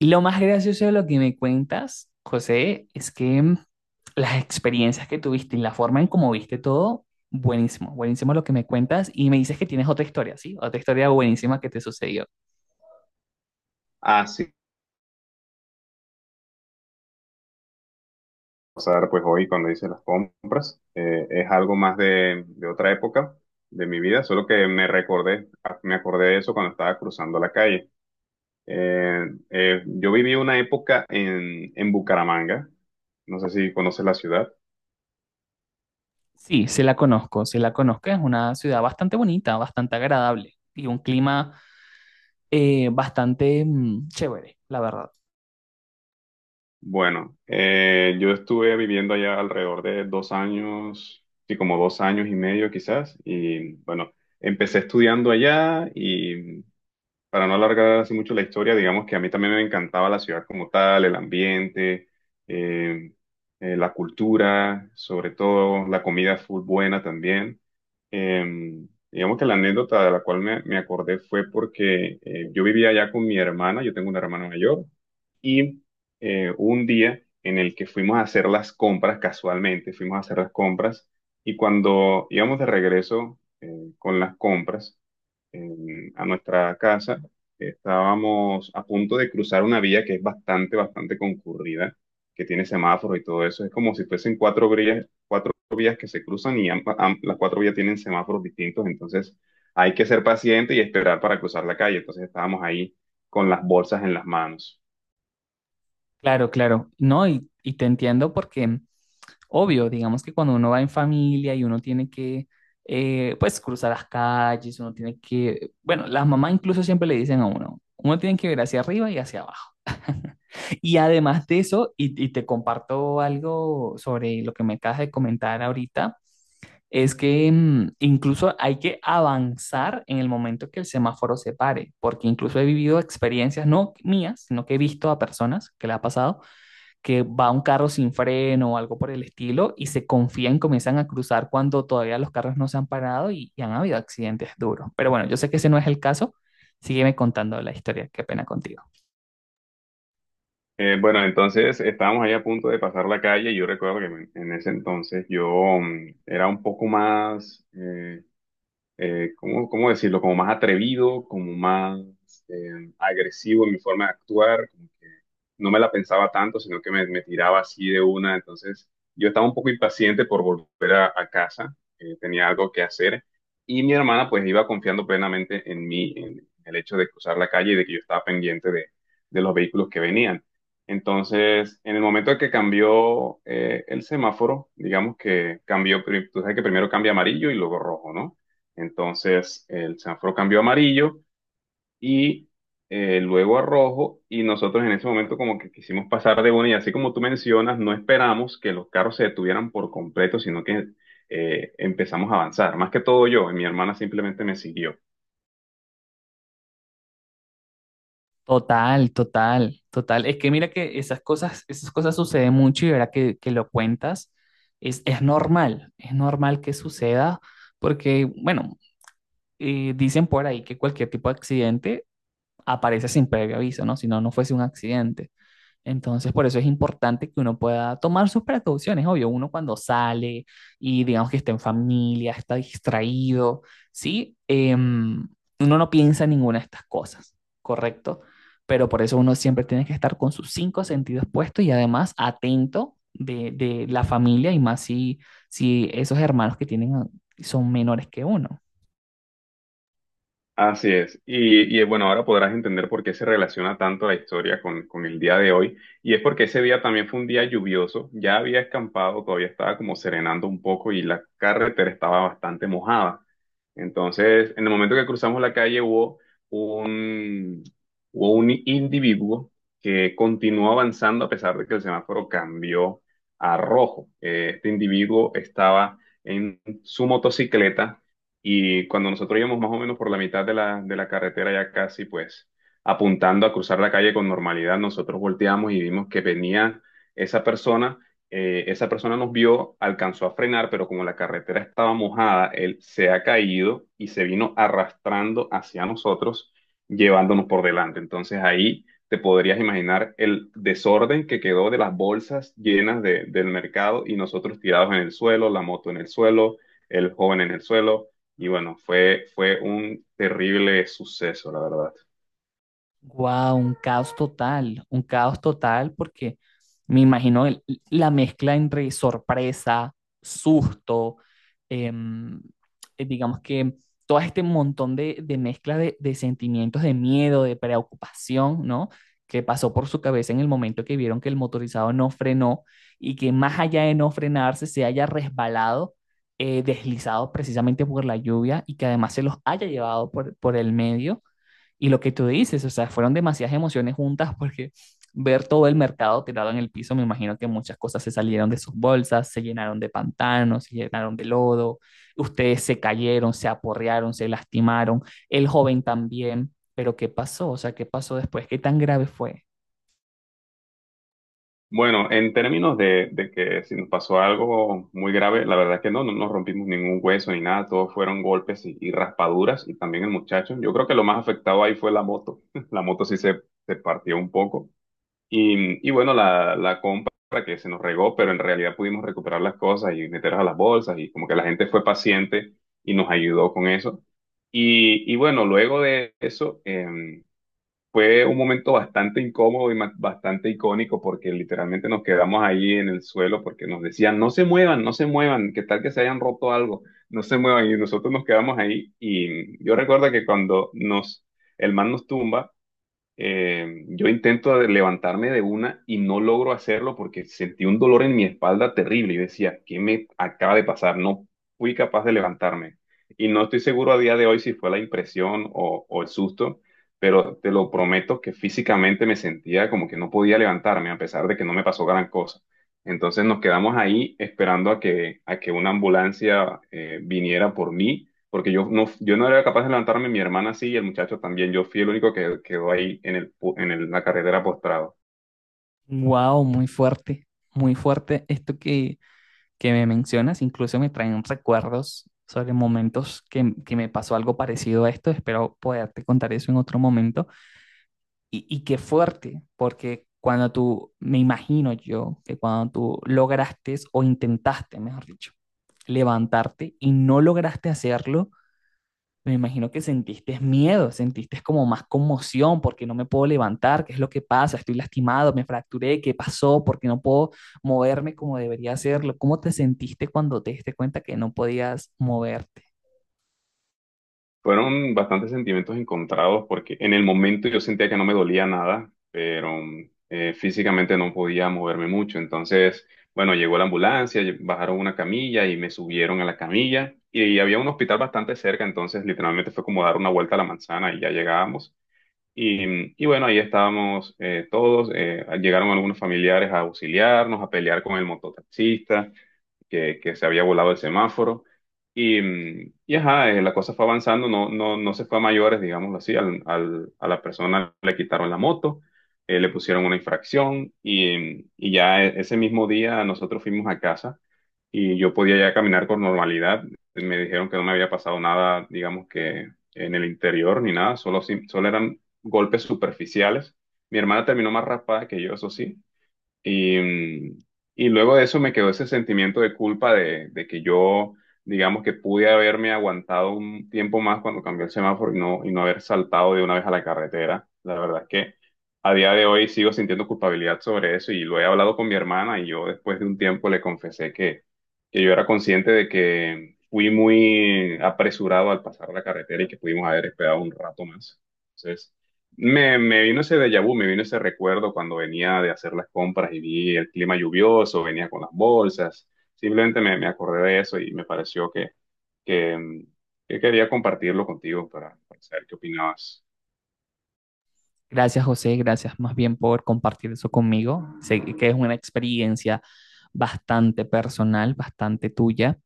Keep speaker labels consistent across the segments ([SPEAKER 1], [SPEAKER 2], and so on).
[SPEAKER 1] Lo más gracioso de lo que me cuentas, José, es que las experiencias que tuviste y la forma en cómo viste todo, buenísimo, buenísimo lo que me cuentas y me dices que tienes otra historia, ¿sí? Otra historia buenísima que te sucedió.
[SPEAKER 2] Así pasar pues hoy cuando hice las compras. Es algo más de otra época de mi vida, solo que me recordé, ah, me acordé de eso cuando estaba cruzando la calle. Yo viví una época en Bucaramanga, no sé si conoces la ciudad.
[SPEAKER 1] Sí, sí la conozco, es una ciudad bastante bonita, bastante agradable y un clima bastante chévere, la verdad.
[SPEAKER 2] Bueno, yo estuve viviendo allá alrededor de 2 años, sí, como 2 años y medio quizás, y bueno, empecé estudiando allá y para no alargar así mucho la historia, digamos que a mí también me encantaba la ciudad como tal, el ambiente, eh, la cultura, sobre todo la comida full buena también. Eh, digamos que la anécdota de la cual me acordé fue porque yo vivía allá con mi hermana, yo tengo una hermana mayor, y hubo un día en el que fuimos a hacer las compras, casualmente fuimos a hacer las compras, y cuando íbamos de regreso con las compras, a nuestra casa, estábamos a punto de cruzar una vía que es bastante concurrida, que tiene semáforos y todo eso. Es como si fuesen cuatro vías, vías que se cruzan y las cuatro vías tienen semáforos distintos, entonces hay que ser paciente y esperar para cruzar la calle. Entonces estábamos ahí con las bolsas en las manos.
[SPEAKER 1] Claro, claro. No, y te entiendo porque, obvio, digamos que cuando uno va en familia y uno tiene que, pues, cruzar las calles, uno tiene que, bueno, las mamás incluso siempre le dicen a uno, uno tiene que ver hacia arriba y hacia abajo. Y además de eso, y te comparto algo sobre lo que me acabas de comentar ahorita, es que incluso hay que avanzar en el momento que el semáforo se pare, porque incluso he vivido experiencias, no mías, sino que he visto a personas que le ha pasado que va un carro sin freno o algo por el estilo y se confían, comienzan a cruzar cuando todavía los carros no se han parado y han habido accidentes duros. Pero bueno, yo sé que ese no es el caso. Sígueme contando la historia, qué pena contigo.
[SPEAKER 2] Bueno, entonces estábamos ahí a punto de pasar la calle y yo recuerdo que en ese entonces yo era un poco más... ¿cómo decirlo? Como más atrevido, como más agresivo en mi forma de actuar, como que no me la pensaba tanto, sino que me tiraba así de una. Entonces, yo estaba un poco impaciente por volver a casa, tenía algo que hacer y mi hermana pues iba confiando plenamente en mí, en el hecho de cruzar la calle y de que yo estaba pendiente de los vehículos que venían. Entonces, en el momento en que cambió el semáforo, digamos que cambió, tú sabes que primero cambia amarillo y luego rojo, ¿no? Entonces el semáforo cambió a amarillo y luego a rojo y nosotros en ese momento como que quisimos pasar de una y así como tú mencionas, no esperamos que los carros se detuvieran por completo, sino que empezamos a avanzar. Más que todo yo, mi hermana simplemente me siguió.
[SPEAKER 1] Total, total, total. Es que mira que esas cosas suceden mucho y ahora que lo cuentas, es normal, es normal que suceda porque, bueno, dicen por ahí que cualquier tipo de accidente aparece sin previo aviso, ¿no? Si no, no fuese un accidente. Entonces, por eso es importante que uno pueda tomar sus precauciones, obvio, uno cuando sale y digamos que está en familia, está distraído, ¿sí? Em, uno no piensa en ninguna de estas cosas, ¿correcto? Pero por eso uno siempre tiene que estar con sus cinco sentidos puestos y además atento de la familia y más si, si esos hermanos que tienen son menores que uno.
[SPEAKER 2] Así es. Bueno, ahora podrás entender por qué se relaciona tanto la historia con el día de hoy. Y es porque ese día también fue un día lluvioso. Ya había escampado, todavía estaba como serenando un poco y la carretera estaba bastante mojada. Entonces, en el momento que cruzamos la calle hubo un, hubo un individuo que continuó avanzando a pesar de que el semáforo cambió a rojo. Este individuo estaba en su motocicleta y cuando nosotros íbamos más o menos por la mitad de de la carretera, ya casi pues apuntando a cruzar la calle con normalidad, nosotros volteamos y vimos que venía esa persona. Esa persona nos vio, alcanzó a frenar, pero como la carretera estaba mojada, él se ha caído y se vino arrastrando hacia nosotros, llevándonos por delante. Entonces ahí te podrías imaginar el desorden que quedó de las bolsas del mercado y nosotros tirados en el suelo, la moto en el suelo, el joven en el suelo. Y bueno, fue un terrible suceso, la verdad.
[SPEAKER 1] Wow, un caos total porque me imagino la mezcla entre sorpresa, susto, em, digamos que todo este montón de mezcla de sentimientos de miedo, de preocupación, ¿no? Que pasó por su cabeza en el momento que vieron que el motorizado no frenó y que más allá de no frenarse se haya resbalado, deslizado precisamente por la lluvia y que además se los haya llevado por el medio. Y lo que tú dices, o sea, fueron demasiadas emociones juntas porque ver todo el mercado tirado en el piso, me imagino que muchas cosas se salieron de sus bolsas, se llenaron de pantanos, se llenaron de lodo, ustedes se cayeron, se aporrearon, se lastimaron, el joven también, pero ¿qué pasó? O sea, ¿qué pasó después? ¿Qué tan grave fue?
[SPEAKER 2] Bueno, en términos de que si nos pasó algo muy grave, la verdad que no, no nos rompimos ningún hueso ni nada, todos fueron golpes y raspaduras y también el muchacho. Yo creo que lo más afectado ahí fue la moto. La moto sí se partió un poco. Bueno, la compra que se nos regó, pero en realidad pudimos recuperar las cosas y meterlas a las bolsas y como que la gente fue paciente y nos ayudó con eso. Bueno, luego de eso, fue un momento bastante incómodo y bastante icónico porque literalmente nos quedamos ahí en el suelo porque nos decían, no se muevan, no se muevan, que tal que se hayan roto algo, no se muevan y nosotros nos quedamos ahí y yo recuerdo que cuando el man nos tumba, yo intento levantarme de una y no logro hacerlo porque sentí un dolor en mi espalda terrible. Yo decía, ¿qué me acaba de pasar? No fui capaz de levantarme. Y no estoy seguro a día de hoy si fue la impresión o el susto, pero te lo prometo que físicamente me sentía como que no podía levantarme a pesar de que no me pasó gran cosa. Entonces nos quedamos ahí esperando a a que una ambulancia viniera por mí porque yo no era capaz de levantarme, mi hermana sí y el muchacho también. Yo fui el único que quedó ahí en el, pu- en el- la carretera postrado.
[SPEAKER 1] Wow, muy fuerte esto que me mencionas, incluso me traen recuerdos sobre momentos que me pasó algo parecido a esto, espero poderte contar eso en otro momento. Y qué fuerte, porque cuando tú, me imagino yo, que cuando tú lograste o intentaste, mejor dicho, levantarte y no lograste hacerlo, me imagino que sentiste miedo, sentiste como más conmoción porque no me puedo levantar, qué es lo que pasa, estoy lastimado, me fracturé, qué pasó, porque no puedo moverme como debería hacerlo. ¿Cómo te sentiste cuando te diste cuenta que no podías moverte?
[SPEAKER 2] Fueron bastantes sentimientos encontrados porque en el momento yo sentía que no me dolía nada, pero físicamente no podía moverme mucho. Entonces, bueno, llegó la ambulancia, bajaron una camilla y me subieron a la camilla y había un hospital bastante cerca, entonces literalmente fue como dar una vuelta a la manzana y ya llegábamos. Bueno, ahí estábamos todos, llegaron algunos familiares a auxiliarnos, a pelear con el mototaxista que se había volado el semáforo. Y, y ajá, la cosa fue avanzando, no se fue a mayores, digámoslo así, a la persona le quitaron la moto, le pusieron una infracción y, y ya ese mismo día nosotros fuimos a casa y yo podía ya caminar con normalidad. Me dijeron que no me había pasado nada, digamos que en el interior ni nada, solo, solo eran golpes superficiales. Mi hermana terminó más raspada que yo, eso sí, y, y luego de eso me quedó ese sentimiento de culpa de que yo, digamos que pude haberme aguantado un tiempo más cuando cambió el semáforo y no haber saltado de una vez a la carretera. La verdad es que a día de hoy sigo sintiendo culpabilidad sobre eso y lo he hablado con mi hermana y yo después de un tiempo le confesé que yo era consciente de que fui muy apresurado al pasar la carretera y que pudimos haber esperado un rato más. Entonces... Me vino ese déjà vu, me vino ese recuerdo cuando venía de hacer las compras y vi el clima lluvioso, venía con las bolsas. Simplemente me acordé de eso y me pareció que, mm, que quería compartirlo contigo para saber qué opinabas.
[SPEAKER 1] Gracias, José. Gracias más bien por compartir eso conmigo. Sé que es una experiencia bastante personal, bastante tuya.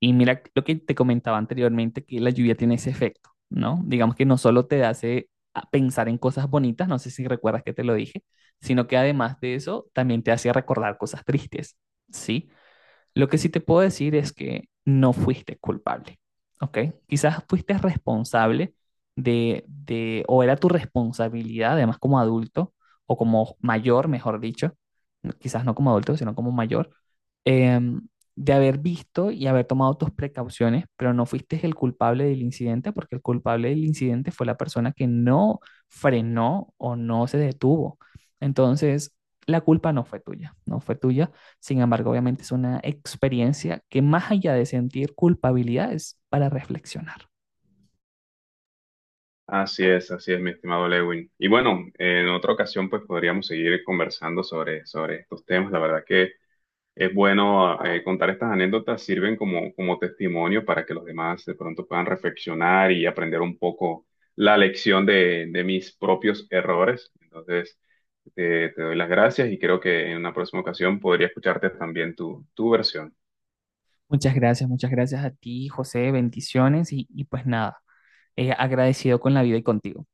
[SPEAKER 1] Y mira lo que te comentaba anteriormente, que la lluvia tiene ese efecto, ¿no? Digamos que no solo te hace a pensar en cosas bonitas, no sé si recuerdas que te lo dije, sino que además de eso, también te hace recordar cosas tristes, ¿sí? Lo que sí te puedo decir es que no fuiste culpable, ¿ok? Quizás fuiste responsable o era tu responsabilidad, además como adulto, o como mayor, mejor dicho, no, quizás no como adulto, sino como mayor, eh, de haber visto y haber tomado tus precauciones, pero no fuiste el culpable del incidente, porque el culpable del incidente fue la persona que no frenó o no se detuvo. Entonces, la culpa no fue tuya, no fue tuya. Sin embargo, obviamente es una experiencia que más allá de sentir culpabilidad es para reflexionar.
[SPEAKER 2] Así es, mi estimado Lewin. Y bueno, en otra ocasión pues podríamos seguir conversando sobre estos temas. La verdad que es bueno contar estas anécdotas, sirven como testimonio para que los demás de pronto puedan reflexionar y aprender un poco la lección de mis propios errores. Entonces, te doy las gracias y creo que en una próxima ocasión podría escucharte también tu versión.
[SPEAKER 1] Muchas gracias a ti, José, bendiciones y pues nada, agradecido con la vida y contigo.